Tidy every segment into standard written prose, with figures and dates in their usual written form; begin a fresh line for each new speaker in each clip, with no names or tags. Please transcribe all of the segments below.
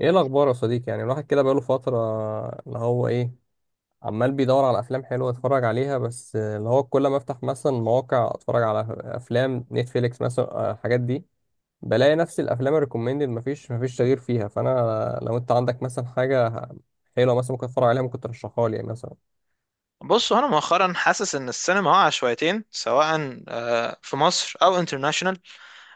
ايه الاخبار يا صديقي؟ يعني الواحد كده بقاله فتره اللي هو ايه، عمال بيدور على افلام حلوه يتفرج عليها. بس اللي هو كل ما افتح مثلا مواقع اتفرج على افلام نتفليكس مثلا الحاجات دي، بلاقي نفس الافلام الريكومندد، مفيش تغيير فيها. فانا لو انت عندك مثلا حاجه حلوه مثلا ممكن اتفرج عليها ممكن ترشحها لي، يعني مثلا.
بص، انا مؤخرا حاسس ان السينما واقعه شويتين سواء في مصر او انترناشونال.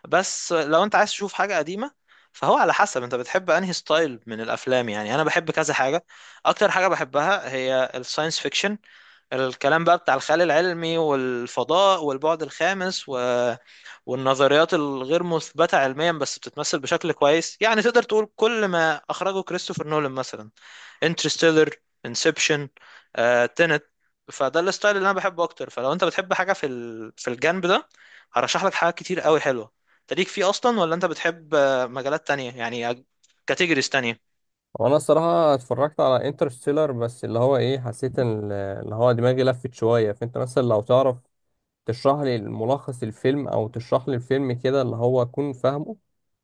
بس لو انت عايز تشوف حاجه قديمه، فهو على حسب انت بتحب انهي ستايل من الافلام. يعني انا بحب كذا حاجه. اكتر حاجه بحبها هي الساينس فيكشن. الكلام بقى بتاع الخيال العلمي والفضاء والبعد الخامس والنظريات الغير مثبته علميا بس بتتمثل بشكل كويس. يعني تقدر تقول كل ما اخرجه كريستوفر نولان مثلا: انترستيلر، انسبشن، تنت. فده الستايل اللي انا بحبه اكتر. فلو انت بتحب حاجه في في الجنب ده، هرشح لك حاجات كتير قوي حلوه. انت ليك فيه اصلا ولا انت بتحب مجالات تانية؟ يعني كاتيجوريز تانية.
وانا الصراحه اتفرجت على انترستيلر، بس اللي هو ايه، حسيت ان اللي هو دماغي لفت شويه. فانت مثلا لو تعرف تشرح لي ملخص الفيلم او تشرح لي الفيلم كده اللي هو اكون فاهمه،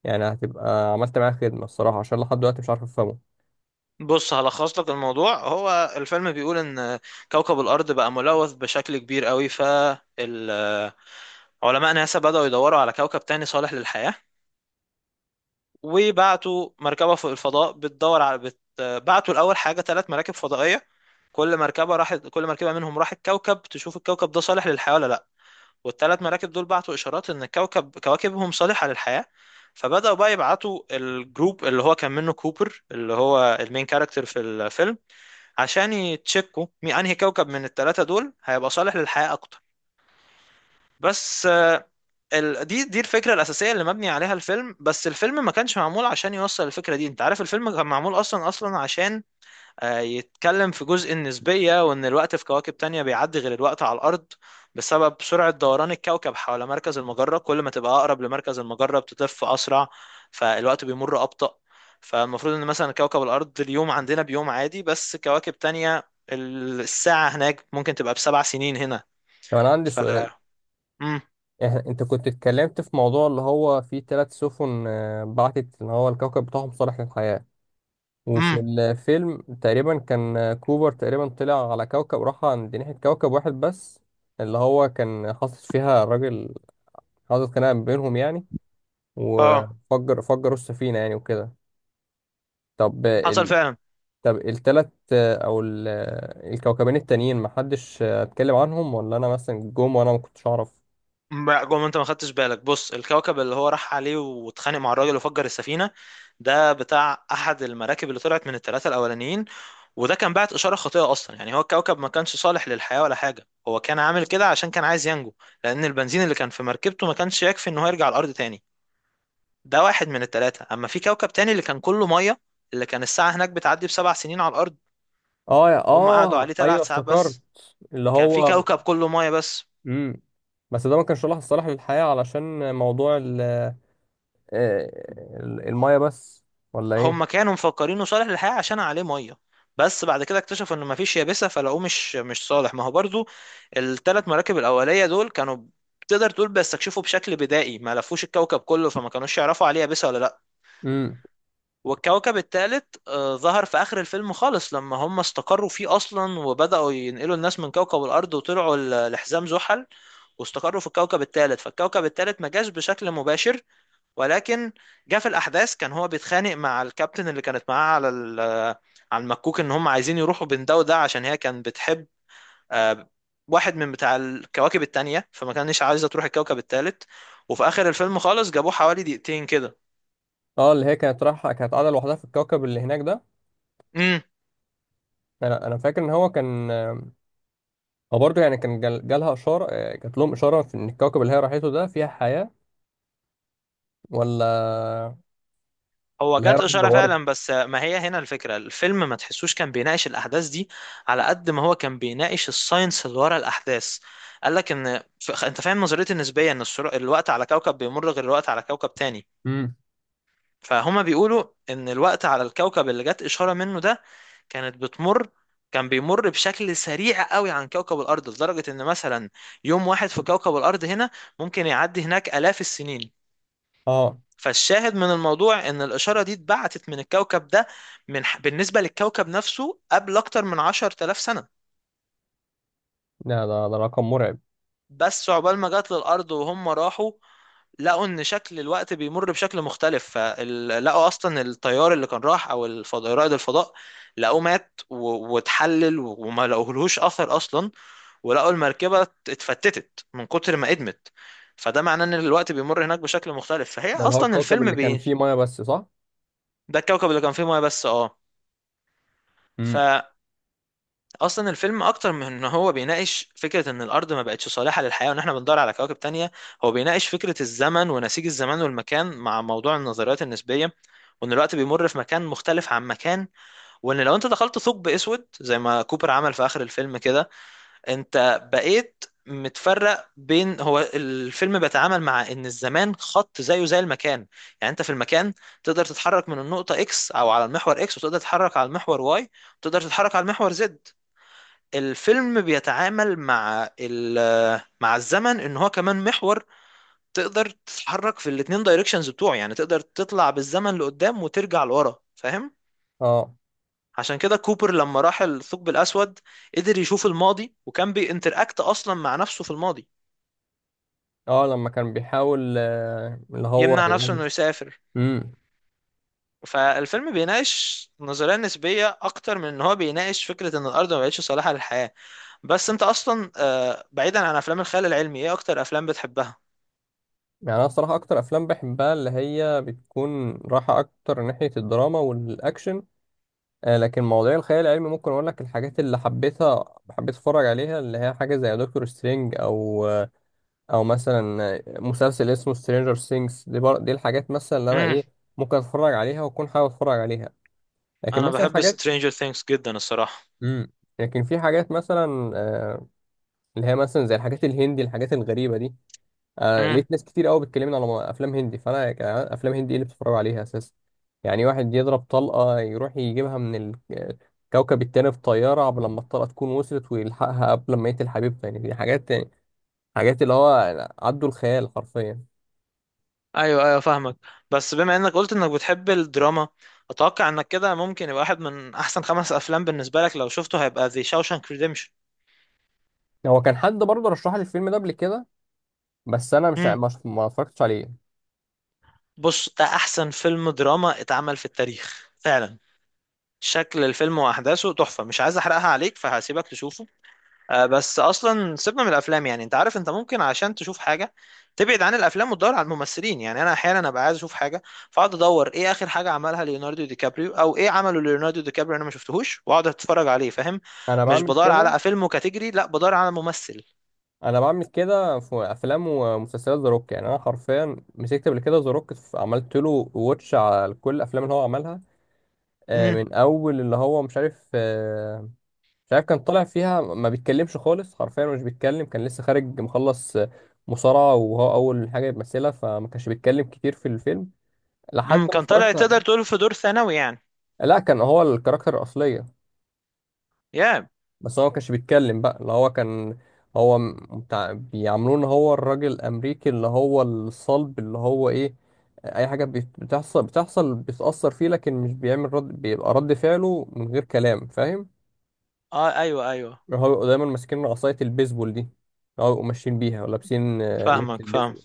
يعني هتبقى عملت معايا خدمه الصراحه، عشان لحد دلوقتي مش عارف افهمه.
بص هلخص لك الموضوع. هو الفيلم بيقول ان كوكب الارض بقى ملوث بشكل كبير قوي، فعلماء ناسا بدأوا يدوروا على كوكب تاني صالح للحياه. وبعتوا مركبه فوق الفضاء بتدور على بعتوا الاول حاجه ثلاث مراكب فضائيه. كل مركبة منهم راحت كوكب تشوف الكوكب ده صالح للحياة ولا لا. والثلاث مراكب دول بعتوا إشارات إن كواكبهم صالحة للحياة. فبدأوا بقى يبعتوا الجروب اللي هو كان منه كوبر، اللي هو المين كاركتر في الفيلم، عشان يتشكوا مين أنهي كوكب من الثلاثة دول هيبقى صالح للحياة أكتر. بس دي الفكرة الأساسية اللي مبني عليها الفيلم. بس الفيلم ما كانش معمول عشان يوصل الفكرة دي. أنت عارف الفيلم كان معمول أصلا عشان يتكلم في جزء النسبية، وإن الوقت في كواكب تانية بيعدي غير الوقت على الأرض بسبب سرعة دوران الكوكب حول مركز المجرة. كل ما تبقى أقرب لمركز المجرة بتلف أسرع، فالوقت بيمر أبطأ. فالمفروض إن مثلا كوكب الأرض اليوم عندنا بيوم عادي، بس كواكب تانية الساعة هناك ممكن تبقى بسبع سنين هنا.
طب انا عندي
ف
سؤال،
مم.
انت كنت اتكلمت في موضوع اللي هو في ثلاث سفن بعتت اللي هو الكوكب بتاعهم صالح للحياه. وفي
مم.
الفيلم تقريبا كان كوبر تقريبا طلع على كوكب، راح عند ناحيه كوكب واحد بس، اللي هو كان حاطط فيها الراجل، حاطط خناقه بينهم يعني،
اه،
وفجر فجروا السفينه يعني وكده. طب،
حصل فعلا.
التلات او الكوكبين التانيين محدش اتكلم عنهم، ولا انا مثلا جم وانا ما كنتش اعرف؟
لا، جوه، ما انت ما خدتش بالك. بص الكوكب اللي هو راح عليه واتخانق مع الراجل وفجر السفينه، ده بتاع احد المراكب اللي طلعت من الثلاثه الاولانيين. وده كان بعت اشاره خاطئه اصلا. يعني هو الكوكب ما كانش صالح للحياه ولا حاجه، هو كان عامل كده عشان كان عايز ينجو، لان البنزين اللي كان في مركبته ما كانش يكفي ان هو يرجع الارض تاني. ده واحد من الثلاثه. اما في كوكب تاني اللي كان كله ميه، اللي كان الساعه هناك بتعدي بسبع سنين على الارض،
اه
وهم قعدوا
اه
عليه
ايوه
ثلاث ساعات
افتكرت
بس.
اللي
كان في
هو.
كوكب كله ميه بس.
امم، بس ده ما كانش الله الصالح للحياة علشان موضوع آه، المية بس ولا
هم
ايه؟
كانوا مفكرينه صالح للحياة عشان عليه ميه، بس بعد كده اكتشفوا انه مفيش يابسة، فلقوه مش صالح. ما هو برضو الثلاث مراكب الأولية دول كانوا، تقدر تقول، بيستكشفوا بشكل بدائي، ما لفوش الكوكب كله، فما كانوش يعرفوا عليه يابسة ولا لا.
امم.
والكوكب الثالث ظهر في آخر الفيلم خالص لما هم استقروا فيه أصلا، وبدأوا ينقلوا الناس من كوكب الأرض وطلعوا لحزام زحل، واستقروا في الكوكب الثالث. فالكوكب الثالث ما جاش بشكل مباشر، ولكن جه في الاحداث. كان هو بيتخانق مع الكابتن اللي كانت معاه على المكوك ان هم عايزين يروحوا بين ده وده، عشان هي كانت بتحب آه، واحد من بتاع الكواكب التانية، فما كانش عايزة تروح الكوكب التالت. وفي اخر الفيلم خالص جابوه حوالي دقيقتين كده.
اه، اللي هي كانت رايحة كانت قاعدة لوحدها في الكوكب اللي هناك ده.
امم.
انا فاكر ان هو كان، هو برضه يعني كان جالها اشارة، جات لهم اشارة في ان الكوكب اللي هي راحته ده فيها حياة ولا؟
هو
هي
جات
راحت
إشارة
دورت.
فعلا، بس ما هي هنا الفكرة. الفيلم ما تحسوش كان بيناقش الأحداث دي على قد ما هو كان بيناقش الساينس اللي ورا الأحداث. قال لك إن أنت فاهم نظرية النسبية، إن الوقت على كوكب بيمر غير الوقت على كوكب تاني. فهما بيقولوا ان الوقت على الكوكب اللي جت اشاره منه ده كانت بتمر، كان بيمر بشكل سريع قوي عن كوكب الارض، لدرجه ان مثلا يوم واحد في كوكب الارض هنا ممكن يعدي هناك الاف السنين.
اه.
فالشاهد من الموضوع ان الاشاره دي اتبعتت من الكوكب ده، من بالنسبه للكوكب نفسه قبل اكتر من 10000 سنه.
لا، ده رقم مرعب.
بس عقبال ما جت للأرض وهم راحوا، لقوا إن شكل الوقت بيمر بشكل مختلف. فلقوا أصلا الطيار اللي كان راح، أو الفضاء رائد الفضاء، لقوه مات واتحلل وما لقوهلوش أثر أصلا. ولقوا المركبة اتفتتت من كتر ما ادمت. فده معناه إن الوقت بيمر هناك بشكل مختلف. فهي
ده اللي هو
أصلا
الكوكب
الفيلم
اللي كان
بي
فيه ميه بس، صح؟
ده الكوكب اللي كان فيه ميه بس.
امم.
اه. اصلا الفيلم اكتر من ان هو بيناقش فكره ان الارض ما بقتش صالحه للحياه وان احنا بندور على كواكب تانية. هو بيناقش فكره الزمن ونسيج الزمان والمكان مع موضوع النظريات النسبيه، وان الوقت بيمر في مكان مختلف عن مكان، وان لو انت دخلت ثقب اسود زي ما كوبر عمل في اخر الفيلم كده، انت بقيت متفرق. بين هو الفيلم بيتعامل مع ان الزمان خط زيه زي المكان. يعني انت في المكان تقدر تتحرك من النقطة اكس، او على المحور اكس، وتقدر تتحرك على المحور واي، وتقدر تتحرك على المحور Z. الفيلم بيتعامل مع الزمن ان هو كمان محور، تقدر تتحرك في الاتنين دايركشنز بتوعه. يعني تقدر تطلع بالزمن لقدام وترجع لورا، فاهم؟
اه،
عشان كده كوبر لما راح الثقب الاسود قدر يشوف الماضي، وكان بينتراكت اصلا مع نفسه في الماضي،
اه، لما كان بيحاول اللي هو
يمنع نفسه
يعمل.
انه يسافر.
امم.
فالفيلم بيناقش نظرية نسبية أكتر من إن هو بيناقش فكرة إن الأرض ما بقتش صالحة للحياة. بس أنت أصلا، بعيدا عن أفلام الخيال العلمي، إيه أكتر أفلام بتحبها؟
يعني انا الصراحه اكتر افلام بحبها اللي هي بتكون رايحه اكتر ناحيه الدراما والاكشن. آه، لكن مواضيع الخيال العلمي ممكن اقول لك الحاجات اللي حبيتها حبيت اتفرج عليها، اللي هي حاجه زي دكتور سترينج، او او مثلا مسلسل اسمه سترينجر سينجز. دي الحاجات مثلا اللي انا ايه، ممكن اتفرج عليها واكون حابب اتفرج عليها. لكن
انا
مثلا
بحب
حاجات،
Stranger Things جدا الصراحة.
امم، لكن في حاجات مثلا اللي هي مثلا زي الحاجات الهندي، الحاجات الغريبة دي.
امم.
لقيت ناس كتير قوي بتكلمني على افلام هندي. فانا افلام هندي ايه اللي بتتفرجوا عليها اساسا؟ يعني واحد يضرب طلقة يروح يجيبها من الكوكب التاني بطيارة قبل لما الطلقة تكون وصلت، ويلحقها قبل ما يقتل حبيبته. يعني دي حاجات يعني، حاجات اللي هو عدوا الخيال حرفيا.
ايوه ايوه، فاهمك. بس بما انك قلت انك بتحب الدراما، اتوقع انك كده ممكن يبقى واحد من احسن خمس افلام بالنسبة لك لو شفته هيبقى The Shawshank Redemption.
هو كان حد برضه رشح لي الفيلم ده قبل كده، بس انا مش
امم.
ما اتفرجتش عليه.
بص ده احسن فيلم دراما اتعمل في التاريخ فعلا. شكل الفيلم واحداثه تحفة، مش عايز احرقها عليك فهسيبك تشوفه. بس اصلا سيبنا من الافلام. يعني انت عارف انت ممكن عشان تشوف حاجه تبعد عن الافلام وتدور على الممثلين. يعني انا احيانا ابقى عايز اشوف حاجه، فاقعد ادور ايه اخر حاجه عملها ليوناردو دي كابريو، او ايه عمله ليوناردو دي كابريو انا ما شفتهوش، واقعد اتفرج عليه. فاهم؟
انا
مش
بعمل
بدور
كده.
على فيلم كاتيجري، لا بدور على ممثل.
انا بعمل كده في افلام ومسلسلات. ذا روك، يعني انا حرفيا مسكت قبل كده ذا روك، عملت له واتش على كل الافلام اللي هو عملها.
امم.
من اول اللي هو مش عارف مش عارف، كان طالع فيها ما بيتكلمش خالص، حرفيا مش بيتكلم، كان لسه خارج مخلص مصارعة وهو اول حاجة يمثلها، فما كانش بيتكلم كتير في الفيلم لحد
امم.
ما
كان طالع،
اتفرجت.
تقدر تقول، في دور ثانوي يعني.
لا، كان هو الكاركتر الاصلية،
يا
بس هو ما كانش بيتكلم بقى. اللي هو كان بتاع بيعاملوه ان هو الراجل الامريكي اللي هو الصلب اللي هو ايه، اي حاجه بتحصل، بتحصل بتاثر فيه، لكن مش بيعمل رد، بيبقى رد فعله من غير كلام، فاهم؟
اه، ايوه ايوه،
هو بيبقوا دايما ماسكين عصايه البيسبول دي، هو بيبقوا ماشيين بيها ولابسين لبس
فاهمك فاهم.
البيسبول.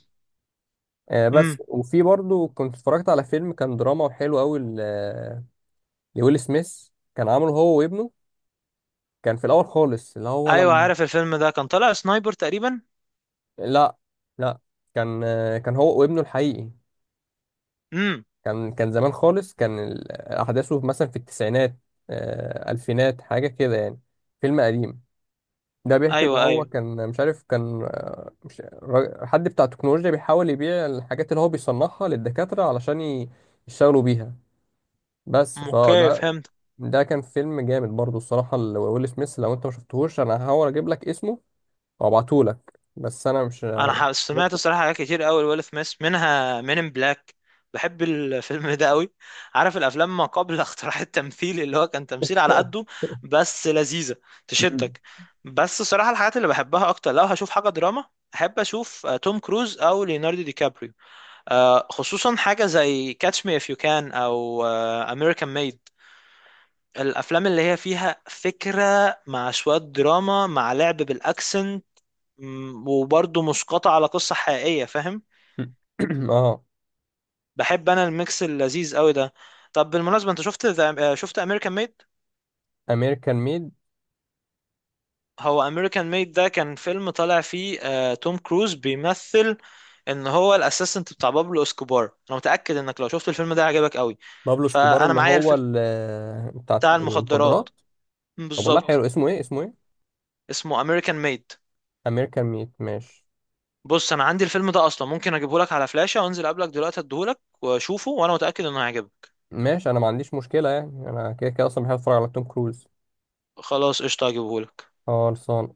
آه
امم.
بس، وفي برضو كنت اتفرجت على فيلم كان دراما وحلو قوي لويل سميث، كان عامله هو وابنه. كان في الاول خالص اللي هو
ايوه،
لما،
عارف الفيلم ده كان طالع سنايبر تقريبا.
لا، لا، كان كان هو وابنه الحقيقي.
امم.
كان كان زمان خالص، كان احداثه مثلا في التسعينات الفينات حاجه كده يعني. فيلم قديم. ده بيحكي ان
ايوه
هو
ايوه،
كان مش عارف، كان مش را- حد بتاع تكنولوجيا بيحاول يبيع الحاجات اللي هو بيصنعها للدكاتره علشان يشتغلوا بيها. بس
اوكي
فده،
فهمت.
ده كان فيلم جامد برضو الصراحه لويل سميث، لو انت ما شفتهوش انا هحاول اجيب لك اسمه وابعته لك، بس انا مش
انا سمعت
متذكر.
الصراحه حاجات كتير قوي لويل سميث، منها مين ان بلاك. بحب الفيلم ده قوي. عارف الافلام ما قبل اختراع التمثيل اللي هو كان تمثيل على قده، بس لذيذه،
مم.
تشدك. بس الصراحه الحاجات اللي بحبها اكتر لو هشوف حاجه دراما، احب اشوف توم كروز او ليوناردو دي كابريو. خصوصا حاجه زي كاتش مي اف يو كان او امريكان ميد. الافلام اللي هي فيها فكره مع شويه دراما مع لعب بالاكسنت، وبرضه مسقطة على قصة حقيقية. فاهم؟
اه.
بحب انا الميكس اللذيذ قوي ده. طب بالمناسبة انت شفت شفت امريكان ميد؟
امريكان ميد.
هو امريكان ميد ده كان فيلم طالع فيه توم كروز بيمثل ان هو الاسيستنت بتاع بابلو اسكوبار. انا متأكد انك لو شفت الفيلم ده هيعجبك قوي.
بابلو سكوبار
فانا
اللي
معايا
هو
الفيلم
بتاع
بتاع
المخدرات.
المخدرات. مم،
طب والله
بالظبط.
حلو، اسمه ايه اسمه ايه؟
اسمه امريكان ميد.
امريكان ميد، ماشي.
بص انا عندي الفيلم ده اصلا، ممكن اجيبهولك على فلاشة وانزل قبلك دلوقتي اديهولك واشوفه، وانا متأكد انه هيعجبك.
ماشي، انا ما عنديش مشكله، يعني انا كده كده اصلا بحب اتفرج على توم كروز.
خلاص، قشطة، هجيبهولك.
اه، خلصان.